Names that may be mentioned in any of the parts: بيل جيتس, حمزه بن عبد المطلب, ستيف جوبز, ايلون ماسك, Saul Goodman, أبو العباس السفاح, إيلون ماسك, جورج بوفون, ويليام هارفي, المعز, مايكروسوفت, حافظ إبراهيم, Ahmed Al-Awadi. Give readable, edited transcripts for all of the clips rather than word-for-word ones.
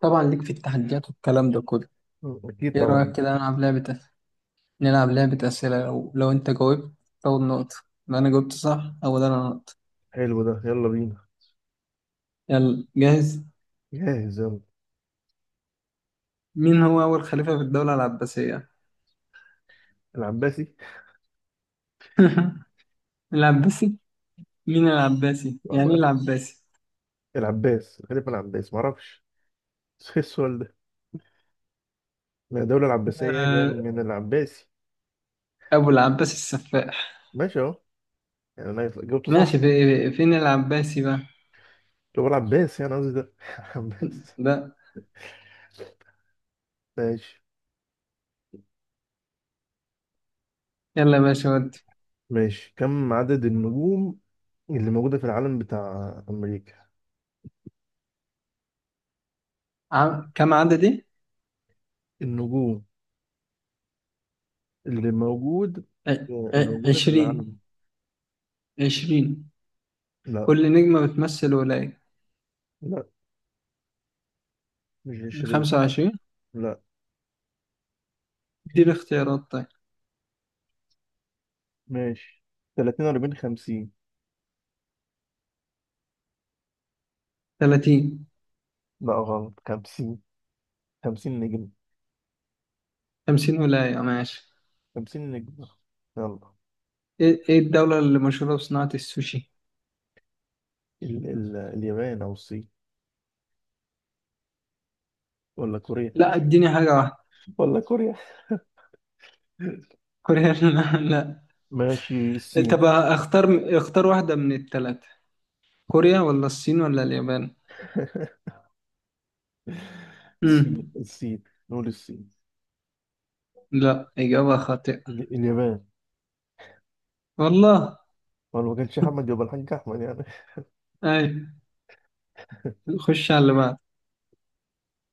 طبعا ليك في التحديات والكلام ده كله. مم. أكيد ايه طبعا. رأيك كده نلعب لعبة أسئلة. لو انت جاوبت تاخد نقطة، لو انا جاوبت صح اول انا نقطة. حلو ده، يلا بينا. يلا جاهز؟ جاهز يلا. مين هو أول خليفة في الدولة العباسية؟ العباسي. العباسي؟ مين العباسي؟ يعني ايه معرف- العباسي؟ العباس، غالبا العباس، معرفش. إيه السؤال ده؟ ما الدولة العباسية جاية آه، من العباسي. أبو العباس السفاح. ماشي أهو، يعني أنا جاوبته صح. ماشي. في فين العباسي بقى؟ هو العباس، يعني قصدي ده العباس. ده ماشي. يلا يا باشا ودي. ماشي، كم عدد النجوم اللي موجودة في العالم بتاع أمريكا؟ كم عددي؟ النجوم اللي موجود ع- اللي موجودة في عشرين، العالم. عشرين. لا، كل نجمة بتمثل ولاية. لا، مش عشرين. خمسة وعشرين. لا. اديني اختيارات طيب. ماشي، تلاتين، أربعين، خمسين. 30. لا، غلط، خمسين. خمسين نجم. 50 ولاية ماشي. خمسين نجم. يلا. ايه الدولة اللي مشهورة بصناعة السوشي؟ ال اليابان أو الصين، ولا كوريا. لا، اديني حاجة واحدة. ولا كوريا. كوريا. لا، لا. ماشي، الصين. طب اختار واحدة من التلاتة، كوريا ولا الصين ولا اليابان؟ امم الصين، الصين، نقول الصين. لا، إجابة خاطئة. اليابان. والله. هو لو ما كانش أحمد يبقى الحاج أحمد يعني. اي. خش على اللي بعد.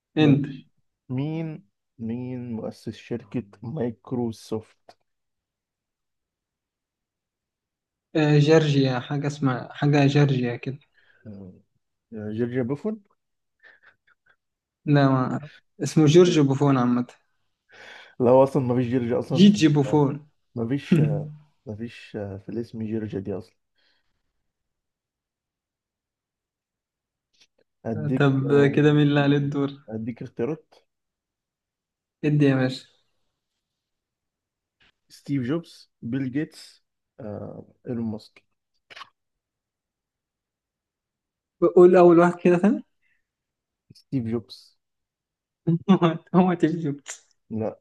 انت. ماشي. مين مين مؤسس شركة مايكروسوفت؟ جورجيا، حاجة اسمها حاجة جورجيا كده. آه، جورج بوفون. لا، ما اسمه جورج بوفون عامة. لا، هو أصلا ما فيش جورج أصلا في. جيجي بوفون. ما فيش. ما فيش في الاسم جورج دي أصلا. اديك طب آه، كده مين اللي عليه الدور؟ اديك اختيارات. ادي يا باشا. ستيف جوبز، بيل جيتس، ايلون ماسك. قول اول واحد كده ثاني. ستيف جوبز. هو تجيب؟ لا،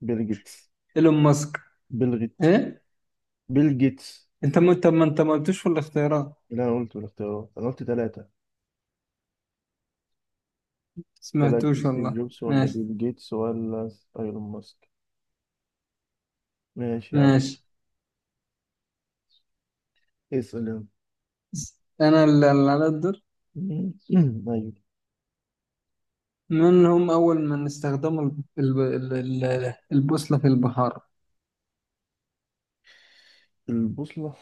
بيل جيتس. ايلون ماسك؟ بيل جيتس. ايه؟ بيل جيتس. انت ما قلتوش في الاختيارات. اللي انا قلته الاختيارات، انا قلت ثلاثة. ثلاثة، سمعتوش ستيف والله. جوبز ولا ماشي، بيل جيتس ولا ايلون ماسك. ماشي يلا. ماشي. اسأل يلا. انا اللي على الدور. مم. ايوه. من هم اول من استخدموا البوصلة في البحار؟ البوصلة،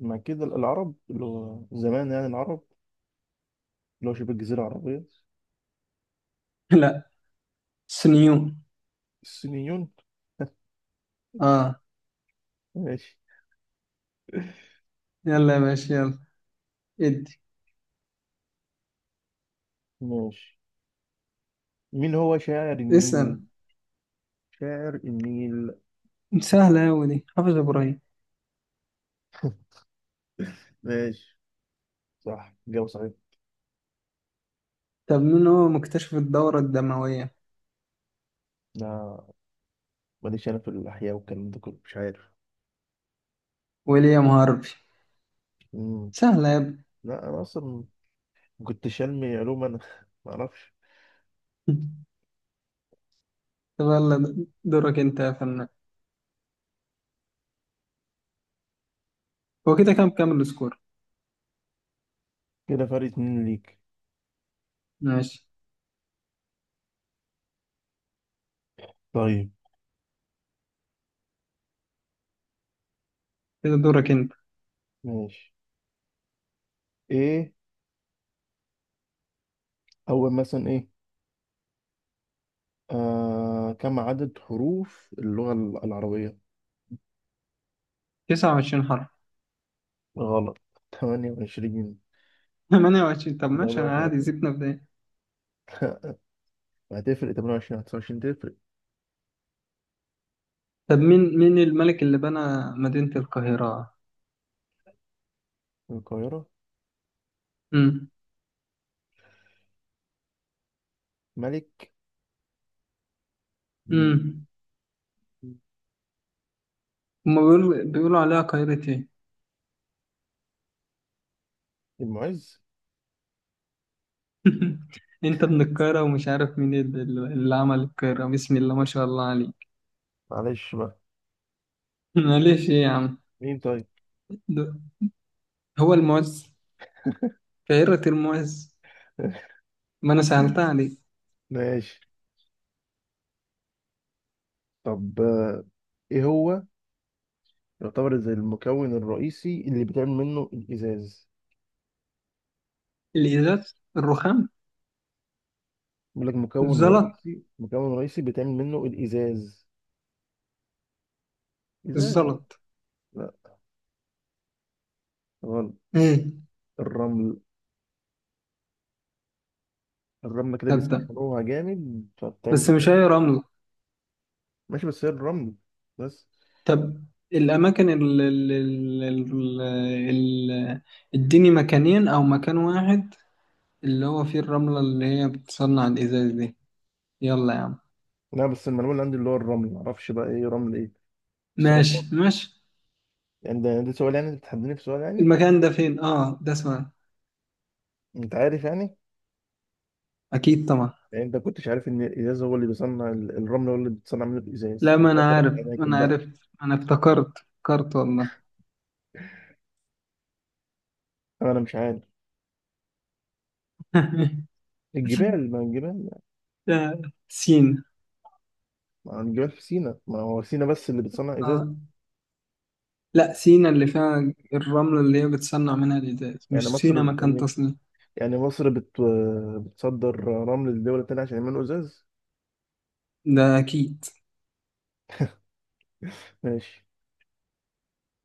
مع كده العرب اللي هو زمان يعني، العرب اللي هو شبه الجزيرة العربية. لا. سنيون. الصينيون. اه. ماشي. يلا يا باشا يلا. ادي. ماشي، مين هو شاعر اسأل. النيل؟ شاعر النيل. سهلة أوي دي، حافظ ابراهيم. ماشي، صح، جاوب صحيح. طب مين هو مكتشف الدورة الدموية؟ لا، ماليش انا في الاحياء والكلام ده كله، مش عارف. ويليام هارفي. مم. سهلة يا ابني. لا، انا اصلا كنت شلمي علوم انا ما اعرفش. طب يلا دورك انت يا فنان. هو كده كام السكور؟ كده فرق اتنين ليك. ماشي. طيب. كده دورك انت. ماشي. ايه اول مثلا ايه. كم عدد حروف اللغة العربية؟ 29 حرف. غلط 28. 28. طب ماشي، إجابة انا عادي خاطئة. سيبنا في ده. هتفرق 28 29؟ تفرق. طب مين الملك اللي بنى مدينة القاهرة؟ القاهرة. امم ملك. مم. امم هما بيقولوا عليها قاهرة ايه؟ المعز. انت ابن القاهرة ومش عارف مين اللي عمل القاهرة؟ بسم الله ما شاء الله عليك. معلش بقى. معلش ايه يا عم؟ مين طيب؟ ده- هو المعز، قاهرة المعز. ما انا سهلتها عليك. ماشي. طب، ايه هو يعتبر زي المكون الرئيسي اللي بيتعمل منه الازاز؟ الإزاز الرخام؟ بيقول لك مكون الزلط. رئيسي، مكون رئيسي بيتعمل منه الازاز. ازاز. الزلط. لا، غلط. ايه؟ الرمل. الرمل كده طب ده بيسخنوها جامد فبتعمل بس مش ازاز. اي رمل. ماشي، بس هي الرمل بس. طب الأماكن ال- اديني مكانين أو مكان واحد اللي هو فيه الرملة اللي هي بتصنع الإزاز دي. يلا يا عم. لا، بس المعلومه اللي عندي اللي هو الرمل، معرفش بقى ايه رمل ايه. بس هو ماشي، الرمل. ماشي. يعني ده سؤال، يعني انت بتحدني في سؤال يعني. المكان ده فين؟ اه ده اسمه إيه؟ انت عارف يعني. أكيد طبعا. يعني انت كنتش عارف ان الازاز هو اللي بيصنع الرمل، هو اللي بتصنع منه الازاز، لا، ما أنا فتبادر عارف، ما الاماكن أنا بقى. عرفت، ما أنا افتكرت والله. انا مش عارف. الجبال، ما الجبال، ده سينا. ما الجبال في سينا، ما هو سينا بس اللي بتصنع ازاز. اه. لا، سينا اللي فيها الرملة اللي هي بتصنع منها الإزاز، يعني مش سينا مصر مكان يعني. تصنيع. يعني مصر بتصدر رمل لدول تانية عشان يعملوا ازاز. ده أكيد. ماشي.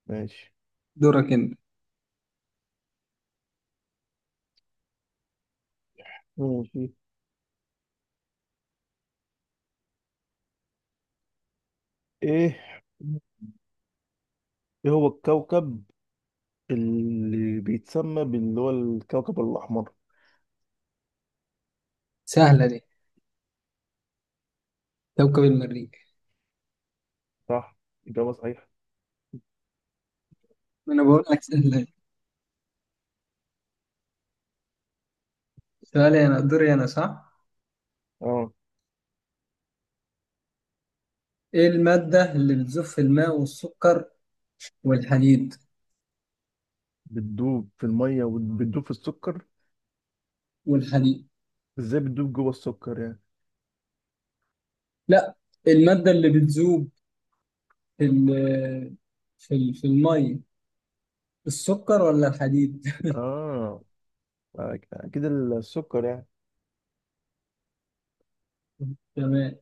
ماشي. دورك أنت. ماشي. ايه. ايه هو الكوكب اللي بيتسمى باللي هو الكوكب الاحمر؟ سهلة دي، كوكب المريخ. صح، اجابه صحيحه. انا بقول لك سؤالي انا دوري انا صح. اه. ايه المادة اللي بتذوب في الماء والسكر والحديد؟ بتدوب في الميه وبتدوب في السكر؟ والحديد. ازاي بتدوب جوه السكر يعني؟ لا، المادة اللي بتذوب في ال- في المي، السكر ولا الحديد؟ اه، اكيد السكر يعني. تمام.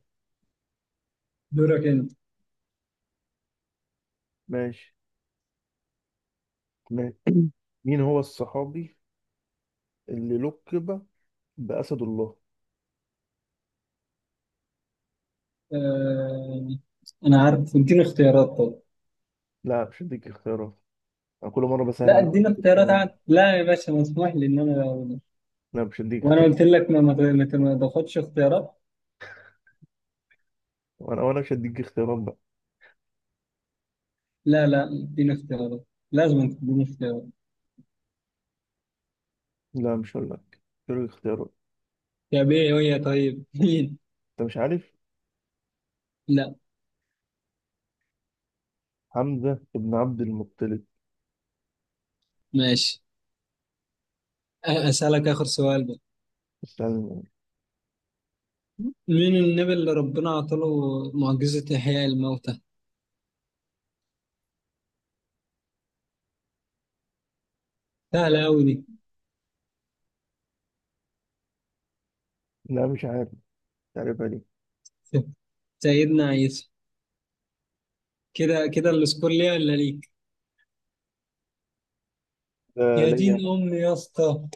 دورك انت. ماشي. ماشي. مين هو الصحابي اللي لقب بأسد الله؟ آه... انا عارف، اديني اختيارات طب. لا، مش هديك اختيارات. انا كل مره بسهل لا، عليك، اديني بديك اختيارات اختيارات. عاد، لا يا باشا، مسموح لي ان انا اقول. لا، مش هديك وانا اختيارات. قلت لك ما تاخدش اختيارات. وانا مش هديك اختيارات بقى. لا، لا، اديني اختيارات، لازم تديني اختيارات. لا، مش هقول لك. مش هديك اختيارات. يا بيه ويا طيب. انت مش عارف. لا. حمزه بن عبد المطلب. ماشي. أسألك آخر سؤال بقى. استنى. مين النبي اللي ربنا عطاله معجزة إحياء الموتى؟ سهلة أوي دي. لا، مش عارف. تعرفها دي. سيدنا عيسى. كده كده السكور ليا ولا ليك؟ لا، يا دين ليا. أمي يا اسطى.